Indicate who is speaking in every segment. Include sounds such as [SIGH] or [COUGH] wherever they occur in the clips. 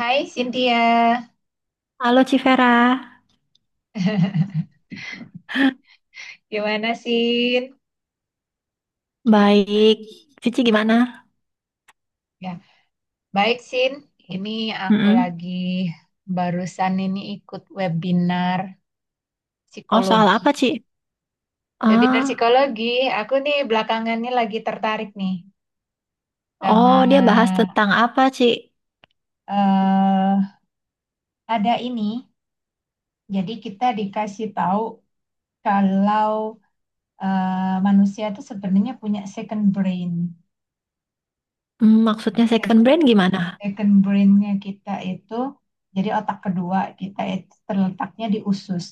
Speaker 1: Hai Cynthia,
Speaker 2: Halo Civera,
Speaker 1: gimana Sin?
Speaker 2: baik. Cici gimana?
Speaker 1: Ya, baik Sin. Ini aku
Speaker 2: Mm-mm.
Speaker 1: lagi barusan ini ikut webinar
Speaker 2: Oh, soal
Speaker 1: psikologi.
Speaker 2: apa, Ci?
Speaker 1: Webinar
Speaker 2: Ah,
Speaker 1: psikologi, aku nih belakangan ini lagi tertarik nih sama
Speaker 2: oh, dia bahas tentang apa, Ci?
Speaker 1: eh ada ini. Jadi kita dikasih tahu kalau manusia itu sebenarnya punya second brain.
Speaker 2: Hmm, maksudnya
Speaker 1: Jadi
Speaker 2: second brand gimana?
Speaker 1: second brain-nya kita itu, jadi otak kedua kita itu terletaknya di usus.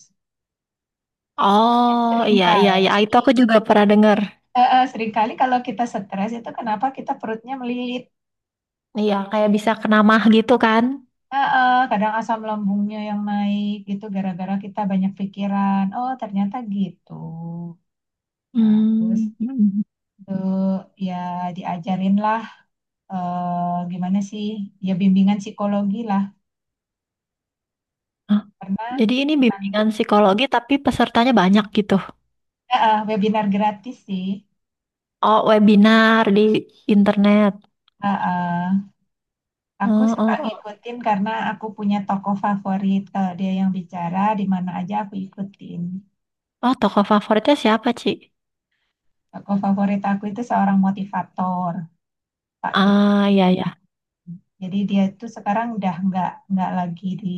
Speaker 1: Makanya
Speaker 2: Oh, iya, iya, iya. Ah, itu
Speaker 1: seringkali,
Speaker 2: aku juga pernah dengar.
Speaker 1: eh, eh, seringkali kalau kita stres itu kenapa kita perutnya melilit.
Speaker 2: Iya, kayak bisa kenamah gitu kan?
Speaker 1: Kadang asam lambungnya yang naik gitu gara-gara kita banyak pikiran. Oh, ternyata gitu. Nah, terus
Speaker 2: Hmm. Mm-mm.
Speaker 1: tuh ya diajarin lah, gimana sih, ya bimbingan psikologi lah,
Speaker 2: Hah.
Speaker 1: karena
Speaker 2: Jadi ini bimbingan psikologi tapi pesertanya banyak gitu.
Speaker 1: webinar gratis sih.
Speaker 2: Oh, webinar di internet.
Speaker 1: Eh, eh. Aku
Speaker 2: Oh,
Speaker 1: suka
Speaker 2: oh, oh.
Speaker 1: ngikutin karena aku punya tokoh favorit. Kalau dia yang bicara, di mana aja aku ikutin.
Speaker 2: Oh, tokoh favoritnya siapa, Ci?
Speaker 1: Tokoh favorit aku itu seorang motivator, Pak Kris.
Speaker 2: Ah, iya, iya.
Speaker 1: Jadi dia itu sekarang udah nggak lagi di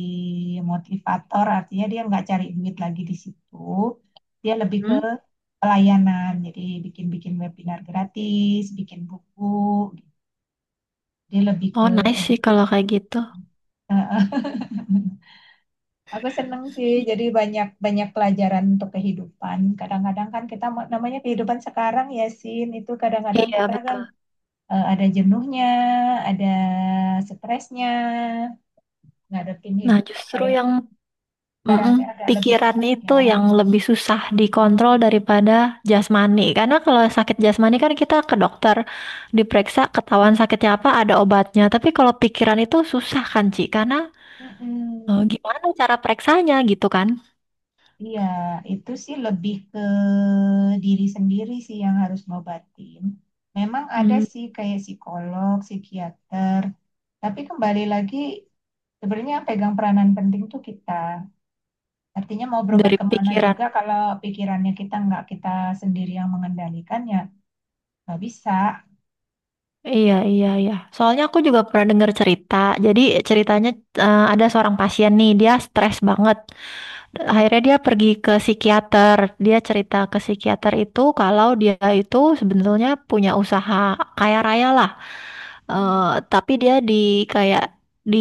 Speaker 1: motivator, artinya dia nggak cari duit lagi di situ. Dia lebih ke
Speaker 2: Hmm?
Speaker 1: pelayanan, jadi bikin-bikin webinar gratis, bikin buku. Dia lebih
Speaker 2: Oh,
Speaker 1: ke
Speaker 2: nice sih kalau
Speaker 1: edukasi.
Speaker 2: kayak gitu.
Speaker 1: eh, Aku seneng sih, jadi banyak banyak pelajaran untuk kehidupan. Kadang-kadang kan kita namanya kehidupan sekarang ya, Sin, itu kadang-kadang
Speaker 2: Iya,
Speaker 1: kita kan
Speaker 2: betul.
Speaker 1: ada jenuhnya, ada stresnya, ngadepin
Speaker 2: Nah,
Speaker 1: hidup kok
Speaker 2: justru
Speaker 1: kayak
Speaker 2: yang,
Speaker 1: sekarang
Speaker 2: mm-mm,
Speaker 1: ini agak lebih
Speaker 2: pikiran
Speaker 1: susah
Speaker 2: itu
Speaker 1: ya.
Speaker 2: yang lebih susah dikontrol daripada jasmani. Karena kalau sakit jasmani kan kita ke dokter, diperiksa, ketahuan sakitnya apa, ada obatnya. Tapi kalau pikiran itu susah kan, Ci? Karena
Speaker 1: Mm-mm.
Speaker 2: gimana cara periksanya gitu kan?
Speaker 1: Iya, itu sih lebih ke diri sendiri sih yang harus ngobatin. Memang ada
Speaker 2: Hmm,
Speaker 1: sih kayak psikolog, psikiater, tapi kembali lagi sebenarnya yang pegang peranan penting tuh kita. Artinya mau berobat
Speaker 2: dari
Speaker 1: kemana
Speaker 2: pikiran.
Speaker 1: juga kalau pikirannya kita nggak kita sendiri yang mengendalikan, ya nggak bisa.
Speaker 2: Iya, iya, iya. Soalnya aku juga pernah dengar cerita. Jadi ceritanya ada seorang pasien nih, dia stres banget. Akhirnya dia pergi ke psikiater. Dia cerita ke psikiater itu kalau dia itu sebenarnya punya usaha kaya raya lah. Eh,
Speaker 1: Hmm.
Speaker 2: tapi dia di kayak di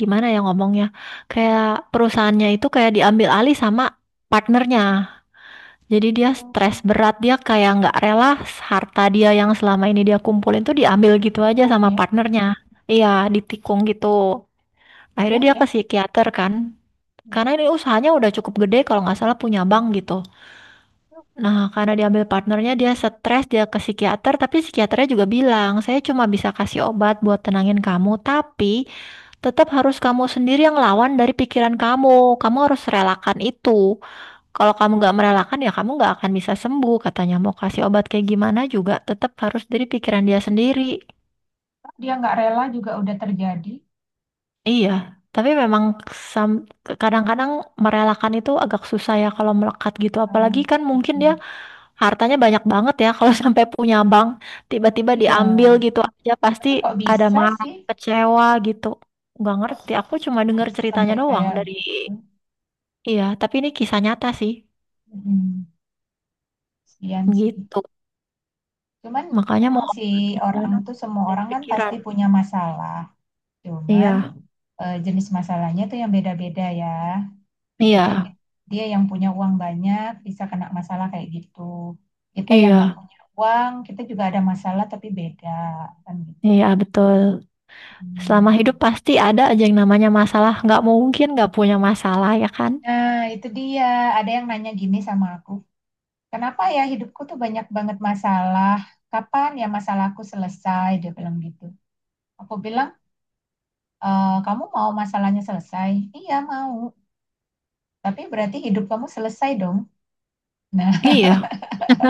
Speaker 2: gimana ya ngomongnya? Kayak perusahaannya itu kayak diambil alih sama partnernya. Jadi dia
Speaker 1: Hmm.
Speaker 2: stres berat, dia kayak nggak rela harta dia yang selama ini dia kumpulin tuh diambil gitu aja
Speaker 1: Ditikung
Speaker 2: sama
Speaker 1: ya,
Speaker 2: partnernya. Iya, ditikung gitu. Akhirnya
Speaker 1: sian
Speaker 2: dia ke
Speaker 1: ya.
Speaker 2: psikiater kan.
Speaker 1: Hmm.
Speaker 2: Karena ini usahanya udah cukup gede kalau nggak salah punya bank gitu. Nah, karena diambil partnernya dia stres, dia ke psikiater, tapi psikiaternya juga bilang, saya cuma bisa kasih obat buat tenangin kamu, tapi tetap harus kamu sendiri yang lawan dari pikiran kamu. Kamu harus relakan itu. Kalau kamu nggak merelakan, ya kamu nggak akan bisa sembuh. Katanya mau kasih obat kayak gimana juga tetap harus dari pikiran dia sendiri.
Speaker 1: Dia nggak rela juga udah terjadi.
Speaker 2: Iya, tapi memang kadang-kadang merelakan itu agak susah ya kalau melekat gitu.
Speaker 1: Ah,
Speaker 2: Apalagi kan mungkin
Speaker 1: gitu.
Speaker 2: dia hartanya banyak banget ya [LAUGHS] kalau sampai punya bank, tiba-tiba
Speaker 1: Iya,
Speaker 2: diambil gitu aja pasti
Speaker 1: tapi kok
Speaker 2: ada
Speaker 1: bisa
Speaker 2: marah,
Speaker 1: sih?
Speaker 2: kecewa gitu. Nggak
Speaker 1: Kok
Speaker 2: ngerti,
Speaker 1: bisa,
Speaker 2: aku cuma
Speaker 1: kok
Speaker 2: dengar
Speaker 1: bisa
Speaker 2: ceritanya
Speaker 1: sampai
Speaker 2: doang
Speaker 1: kayak
Speaker 2: dari.
Speaker 1: gitu?
Speaker 2: Iya, tapi ini kisah nyata sih.
Speaker 1: Hmm, sian sih.
Speaker 2: Gitu.
Speaker 1: Cuman
Speaker 2: Makanya mau
Speaker 1: memang si
Speaker 2: obat
Speaker 1: orang
Speaker 2: gimana
Speaker 1: tuh, semua
Speaker 2: dari
Speaker 1: orang kan pasti
Speaker 2: pikiran.
Speaker 1: punya masalah. Cuman
Speaker 2: Iya,
Speaker 1: jenis masalahnya tuh yang beda-beda ya. Misalnya
Speaker 2: iya,
Speaker 1: dia yang punya uang banyak bisa kena masalah kayak gitu. Kita yang nggak
Speaker 2: iya,
Speaker 1: punya uang, kita juga ada masalah tapi beda kan gitu.
Speaker 2: iya, betul. Selama hidup
Speaker 1: Hmm.
Speaker 2: pasti ada aja yang namanya masalah. Nggak mungkin nggak punya masalah ya kan?
Speaker 1: Nah, itu dia. Ada yang nanya gini sama aku. Kenapa ya hidupku tuh banyak banget masalah? Kapan ya masalahku selesai? Dia bilang gitu. Aku bilang, "Eh, kamu mau masalahnya selesai? Iya mau. Tapi berarti hidup kamu selesai dong." Nah,
Speaker 2: Iya,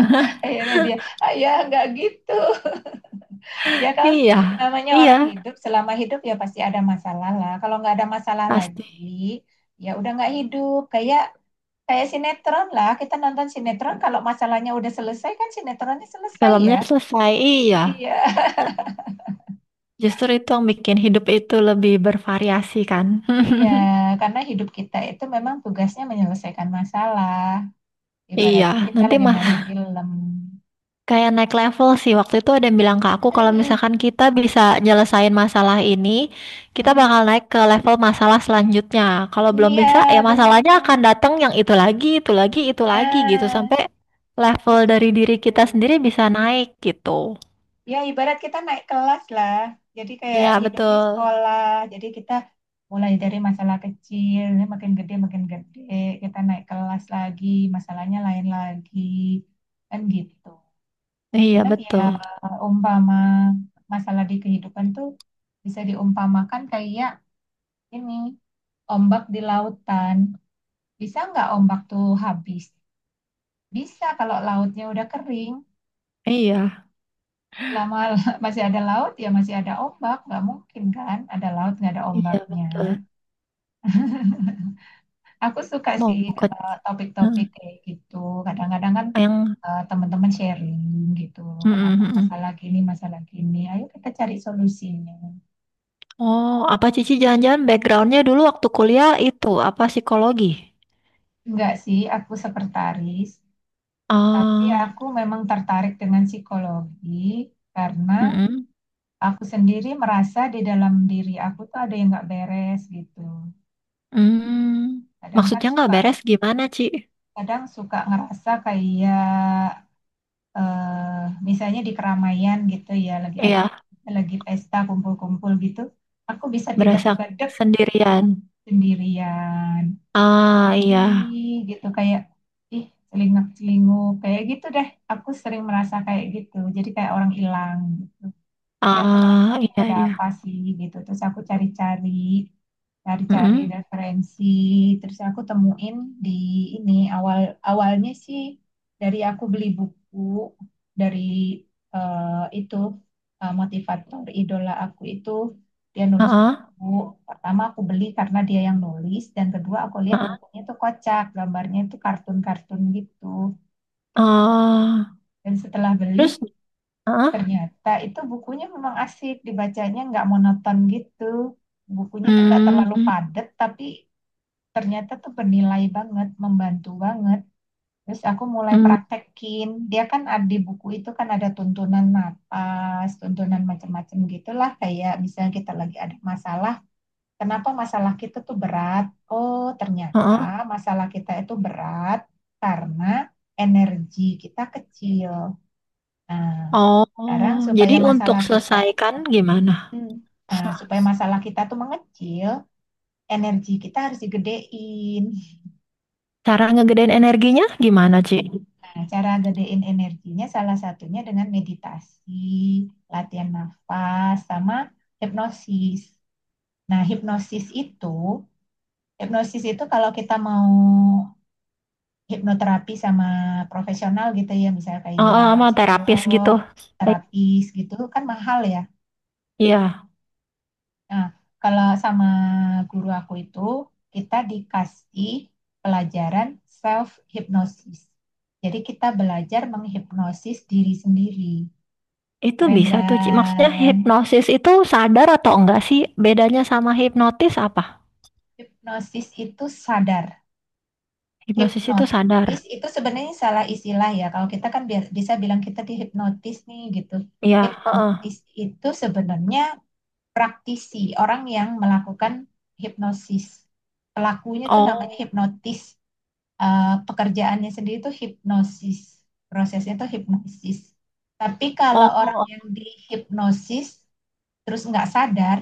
Speaker 1: [LAUGHS] akhirnya dia, ah, ya nggak gitu. Ya kalau
Speaker 2: iya,
Speaker 1: namanya
Speaker 2: iya,
Speaker 1: orang hidup, selama hidup ya pasti ada masalah lah. Kalau nggak ada masalah lagi,
Speaker 2: pasti.
Speaker 1: ya udah nggak hidup. Kayak Kayak sinetron lah. Kita nonton sinetron, kalau masalahnya udah selesai kan sinetronnya selesai ya.
Speaker 2: Filmnya selesai, iya.
Speaker 1: Iya,
Speaker 2: Justru itu yang bikin hidup itu lebih bervariasi kan.
Speaker 1: [LAUGHS] iya.
Speaker 2: [LAUGHS]
Speaker 1: Karena hidup kita itu memang tugasnya menyelesaikan masalah.
Speaker 2: Iya,
Speaker 1: Ibaratnya kita
Speaker 2: nanti
Speaker 1: lagi
Speaker 2: mah
Speaker 1: main film.
Speaker 2: kayak naik level sih. Waktu itu ada yang bilang ke aku kalau
Speaker 1: [LAUGHS]
Speaker 2: misalkan kita bisa nyelesain masalah ini, kita
Speaker 1: Mm-mm.
Speaker 2: bakal naik ke level masalah selanjutnya. Kalau belum bisa, ya
Speaker 1: Iya,
Speaker 2: masalahnya
Speaker 1: benar.
Speaker 2: akan datang yang itu lagi, itu lagi, itu lagi gitu
Speaker 1: Nah,
Speaker 2: sampai level
Speaker 1: setuju,
Speaker 2: dari diri kita sendiri
Speaker 1: setuju.
Speaker 2: bisa naik gitu.
Speaker 1: Ya, ibarat kita naik kelas lah. Jadi
Speaker 2: Iya,
Speaker 1: kayak hidup ini
Speaker 2: betul.
Speaker 1: sekolah. Jadi kita mulai dari masalah kecil, ini makin gede, makin gede. Kita naik kelas lagi, masalahnya lain lagi. Kan gitu.
Speaker 2: Iya,
Speaker 1: Bilang ya,
Speaker 2: betul.
Speaker 1: umpama masalah di kehidupan tuh bisa diumpamakan kayak ini, ombak di lautan. Bisa nggak ombak tuh habis? Bisa kalau lautnya udah kering.
Speaker 2: Iya.
Speaker 1: Selama [LAUGHS] masih ada laut, ya masih ada ombak. Nggak mungkin kan ada laut, nggak ada
Speaker 2: Iya,
Speaker 1: ombaknya.
Speaker 2: betul.
Speaker 1: Aku suka
Speaker 2: Mau
Speaker 1: sih
Speaker 2: ke.
Speaker 1: kalau
Speaker 2: Heeh,
Speaker 1: topik-topik kayak gitu. Kadang-kadang kan
Speaker 2: yang.
Speaker 1: teman-teman sharing gitu. Kenapa
Speaker 2: Mm-mm, mm-mm.
Speaker 1: masalah gini, masalah gini. Ayo kita cari solusinya.
Speaker 2: Oh, apa Cici jangan-jangan backgroundnya dulu waktu kuliah itu apa psikologi?
Speaker 1: Enggak sih, aku sekretaris. Tapi
Speaker 2: Ah,
Speaker 1: aku memang tertarik dengan psikologi karena
Speaker 2: mm-mm.
Speaker 1: aku sendiri merasa di dalam diri aku tuh ada yang nggak beres gitu.
Speaker 2: Hmm,
Speaker 1: Kadang kan
Speaker 2: maksudnya nggak
Speaker 1: suka
Speaker 2: beres gimana, Ci?
Speaker 1: kadang suka ngerasa kayak misalnya di keramaian gitu ya,
Speaker 2: Iya,
Speaker 1: lagi pesta kumpul-kumpul gitu, aku bisa
Speaker 2: berasa
Speaker 1: tiba-tiba dek
Speaker 2: sendirian.
Speaker 1: sendirian
Speaker 2: Ah, iya.
Speaker 1: ih, gitu kayak ih celingak-celinguk kayak gitu deh, aku sering merasa kayak gitu jadi kayak orang hilang gitu dia, aku ngerasa
Speaker 2: Ah,
Speaker 1: ini
Speaker 2: iya,
Speaker 1: ada
Speaker 2: iya.
Speaker 1: apa sih gitu, terus aku cari-cari,
Speaker 2: Mm-mm.
Speaker 1: referensi, terus aku temuin di ini awal, awalnya sih, dari aku beli buku dari eh, itu, motivator idola aku itu, dia nulis
Speaker 2: Ah,
Speaker 1: buku. Pertama aku beli karena dia yang nulis, dan kedua aku
Speaker 2: ah,
Speaker 1: lihat
Speaker 2: ah.
Speaker 1: bukunya tuh kocak, gambarnya itu kartun-kartun gitu,
Speaker 2: Ah.
Speaker 1: dan setelah beli,
Speaker 2: Terus, ah,
Speaker 1: ternyata itu bukunya memang asik dibacanya, nggak monoton gitu. Bukunya tuh nggak terlalu
Speaker 2: hmm,
Speaker 1: padat tapi ternyata tuh bernilai banget, membantu banget. Terus aku mulai
Speaker 2: hmm,
Speaker 1: praktekin. Dia kan ada di buku itu, kan ada tuntunan napas, tuntunan macam-macam gitulah. Kayak misalnya kita lagi ada masalah, kenapa masalah kita tuh berat? Oh, ternyata
Speaker 2: ah.
Speaker 1: masalah kita itu berat karena energi kita kecil. Nah, sekarang
Speaker 2: Oh,
Speaker 1: supaya
Speaker 2: jadi untuk
Speaker 1: masalah kita,
Speaker 2: selesaikan gimana?
Speaker 1: hmm, nah supaya masalah kita tuh mengecil, energi kita harus digedein.
Speaker 2: Cara ngegedein energinya gimana, Ci?
Speaker 1: Nah, cara gedein energinya salah satunya dengan meditasi, latihan nafas, sama hipnosis. Nah, hipnosis itu kalau kita mau hipnoterapi sama profesional gitu ya, misalnya
Speaker 2: Eh,
Speaker 1: kayak
Speaker 2: eh, sama terapis
Speaker 1: psikolog,
Speaker 2: gitu. Eh,
Speaker 1: terapis gitu, kan mahal ya.
Speaker 2: Iya,
Speaker 1: Nah, kalau sama guru aku itu, kita dikasih pelajaran self hipnosis. Jadi kita belajar menghipnosis diri sendiri.
Speaker 2: itu
Speaker 1: Keren
Speaker 2: bisa tuh, Ci. Maksudnya
Speaker 1: kan?
Speaker 2: hipnosis itu sadar atau enggak sih? Bedanya sama hipnotis apa?
Speaker 1: Hipnosis itu sadar.
Speaker 2: Hipnosis itu sadar.
Speaker 1: Hipnotis itu sebenarnya salah istilah ya. Kalau kita kan bisa bilang kita dihipnotis nih gitu.
Speaker 2: Iya, heeh.
Speaker 1: Hipnotis itu sebenarnya praktisi, orang yang melakukan hipnosis. Pelakunya itu namanya
Speaker 2: Oh,
Speaker 1: hipnotis. Eh, pekerjaannya sendiri itu hipnosis. Prosesnya itu hipnosis. Tapi kalau
Speaker 2: oh,
Speaker 1: orang
Speaker 2: oh,
Speaker 1: yang dihipnosis terus nggak sadar,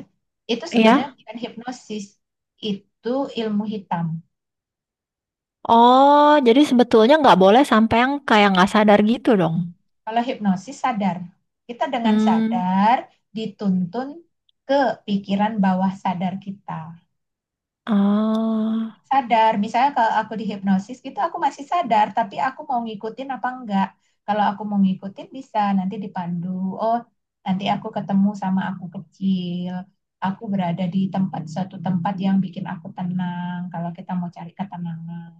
Speaker 1: itu sebenarnya
Speaker 2: iya.
Speaker 1: bukan hipnosis, itu ilmu hitam.
Speaker 2: Oh, jadi sebetulnya nggak boleh sampai yang kayak nggak sadar gitu dong.
Speaker 1: Kalau hipnosis sadar, kita dengan
Speaker 2: Hmm,
Speaker 1: sadar dituntun ke pikiran bawah sadar kita.
Speaker 2: oh.
Speaker 1: Sadar. Misalnya kalau aku dihipnosis gitu aku masih sadar, tapi aku mau ngikutin apa enggak. Kalau aku mau ngikutin bisa nanti dipandu. Oh, nanti aku ketemu sama aku kecil. Aku berada di tempat, suatu tempat yang bikin aku tenang kalau kita mau cari ketenangan.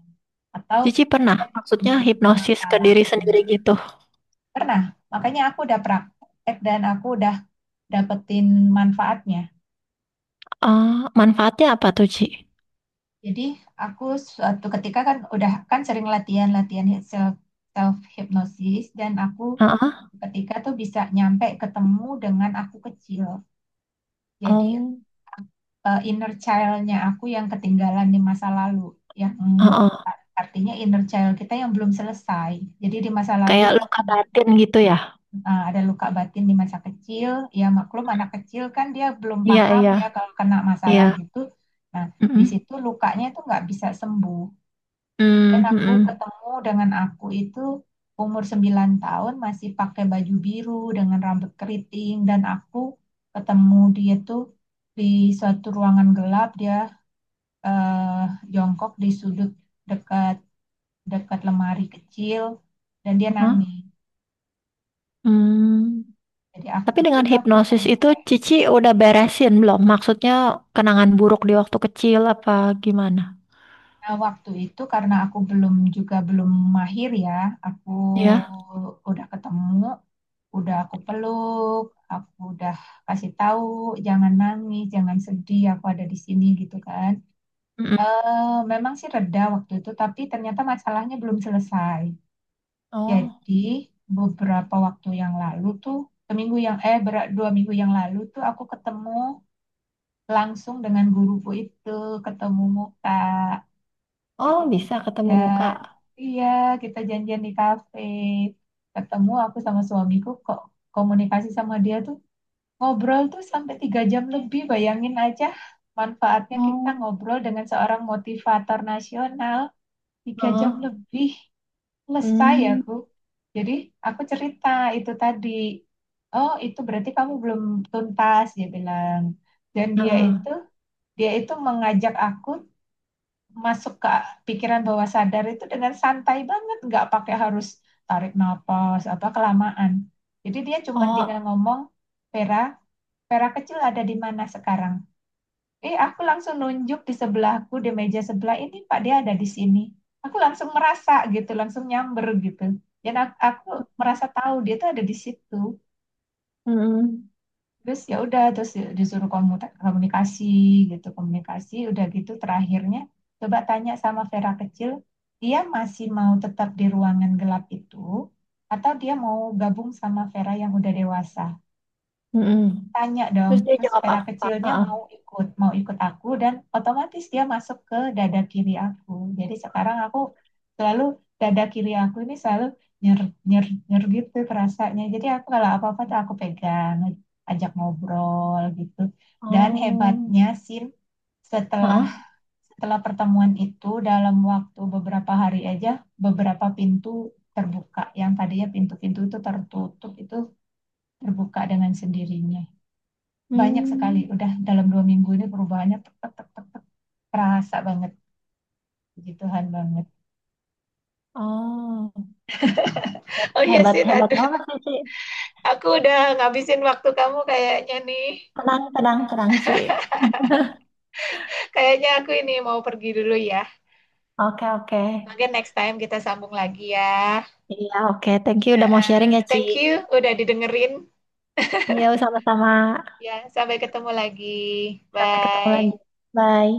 Speaker 1: Atau
Speaker 2: Cici pernah,
Speaker 1: kita
Speaker 2: maksudnya
Speaker 1: dituntun ke
Speaker 2: hipnosis ke diri
Speaker 1: masalahnya.
Speaker 2: sendiri gitu.
Speaker 1: Pernah, makanya aku udah praktek dan aku udah dapetin manfaatnya.
Speaker 2: Ah, manfaatnya apa tuh, Ci?
Speaker 1: Jadi aku suatu ketika kan udah kan sering latihan-latihan self self hypnosis, dan aku
Speaker 2: Heeh.
Speaker 1: ketika tuh bisa nyampe ketemu dengan aku kecil. Jadi
Speaker 2: Oh,
Speaker 1: inner child-nya aku yang ketinggalan di masa lalu, yang
Speaker 2: heeh.
Speaker 1: artinya inner child kita yang belum selesai. Jadi di masa lalu
Speaker 2: Kayak
Speaker 1: tuh
Speaker 2: luka batin gitu ya?
Speaker 1: ada luka batin di masa kecil. Ya maklum anak kecil kan dia belum
Speaker 2: Iya,
Speaker 1: paham
Speaker 2: iya.
Speaker 1: ya kalau kena
Speaker 2: Iya,
Speaker 1: masalah gitu. Nah, di
Speaker 2: mhm,
Speaker 1: situ lukanya itu nggak bisa sembuh. Dan
Speaker 2: mmm,
Speaker 1: aku
Speaker 2: mhm,
Speaker 1: ketemu dengan aku itu umur 9 tahun, masih pakai baju biru dengan rambut keriting, dan aku ketemu dia tuh di suatu ruangan gelap, dia eh, jongkok di sudut dekat dekat lemari kecil, dan dia
Speaker 2: heeh,
Speaker 1: nangis.
Speaker 2: mmm,
Speaker 1: Jadi aku
Speaker 2: tapi
Speaker 1: kecil
Speaker 2: dengan
Speaker 1: tuh aku
Speaker 2: hipnosis
Speaker 1: ketemunya
Speaker 2: itu
Speaker 1: kayak gitu.
Speaker 2: Cici udah beresin belum? Maksudnya kenangan buruk di waktu kecil apa gimana?
Speaker 1: Nah, waktu itu karena aku belum mahir ya, aku
Speaker 2: Iya?
Speaker 1: udah ketemu, udah aku peluk, aku udah kasih tahu jangan nangis, jangan sedih, aku ada di sini gitu kan.
Speaker 2: Mhm.
Speaker 1: Eh, memang sih reda waktu itu, tapi ternyata masalahnya belum selesai.
Speaker 2: Oh,
Speaker 1: Jadi beberapa waktu yang lalu tuh, seminggu yang eh ber- 2 minggu yang lalu tuh aku ketemu langsung dengan guruku itu, ketemu muka, kita
Speaker 2: oh, bisa ketemu muka?
Speaker 1: janjian, iya kita janjian di kafe, ketemu aku sama suamiku, kok komunikasi sama dia tuh. Ngobrol tuh sampai 3 jam lebih, bayangin aja manfaatnya kita
Speaker 2: Oh,
Speaker 1: ngobrol dengan seorang motivator nasional tiga jam
Speaker 2: heeh,
Speaker 1: lebih Selesai
Speaker 2: hmm,
Speaker 1: aku. Jadi aku cerita itu tadi, oh itu berarti kamu belum tuntas dia bilang. Dan
Speaker 2: heeh,
Speaker 1: dia itu mengajak aku masuk ke pikiran bawah sadar itu dengan santai banget, nggak pakai harus tarik nafas apa kelamaan. Jadi dia cuma tinggal
Speaker 2: oh,
Speaker 1: ngomong, Vera. Vera kecil ada di mana sekarang? Eh, aku langsung nunjuk di sebelahku, di meja sebelah ini Pak, dia ada di sini. Aku langsung merasa gitu, langsung nyamber gitu. Dan aku merasa tahu dia tuh ada di situ.
Speaker 2: mhm,
Speaker 1: Terus ya udah, terus ya disuruh komunikasi gitu, komunikasi. Udah gitu terakhirnya coba tanya sama Vera kecil, dia masih mau tetap di ruangan gelap itu atau dia mau gabung sama Vera yang udah dewasa?
Speaker 2: mhm,
Speaker 1: Tanya dong,
Speaker 2: terus dia
Speaker 1: pas
Speaker 2: jawab
Speaker 1: Vera
Speaker 2: apa?
Speaker 1: kecilnya
Speaker 2: Heeh,
Speaker 1: mau ikut aku, dan otomatis dia masuk ke dada kiri aku. Jadi sekarang aku selalu, dada kiri aku ini selalu nyer, nyer, nyer gitu perasaannya. Jadi aku kalau apa-apa tuh aku pegang, ajak ngobrol gitu. Dan
Speaker 2: oh,
Speaker 1: hebatnya, Sin, setelah
Speaker 2: heeh,
Speaker 1: setelah pertemuan itu dalam waktu beberapa hari aja, beberapa pintu terbuka, yang tadinya pintu-pintu itu tertutup itu terbuka dengan sendirinya banyak sekali.
Speaker 2: hmm,
Speaker 1: Udah dalam 2 minggu ini perubahannya tek, tek, tek, terasa banget. Puji Tuhan banget. [LAUGHS]
Speaker 2: oh,
Speaker 1: Oh iya
Speaker 2: hebat,
Speaker 1: sih,
Speaker 2: hebat
Speaker 1: aduh.
Speaker 2: banget Cici,
Speaker 1: Aku udah ngabisin waktu kamu kayaknya nih.
Speaker 2: tenang, tenang, tenang, Ci,
Speaker 1: Kayaknya aku ini mau pergi dulu ya.
Speaker 2: oke, oke.
Speaker 1: Mungkin next time kita sambung lagi ya.
Speaker 2: Iya, oke. Thank you
Speaker 1: Eh,
Speaker 2: udah mau
Speaker 1: eh,
Speaker 2: sharing ya, Ci.
Speaker 1: Thank you udah didengerin.
Speaker 2: Yo, sama-sama.
Speaker 1: Ya, sampai ketemu lagi.
Speaker 2: Sampai ketemu lagi.
Speaker 1: Bye.
Speaker 2: Bye.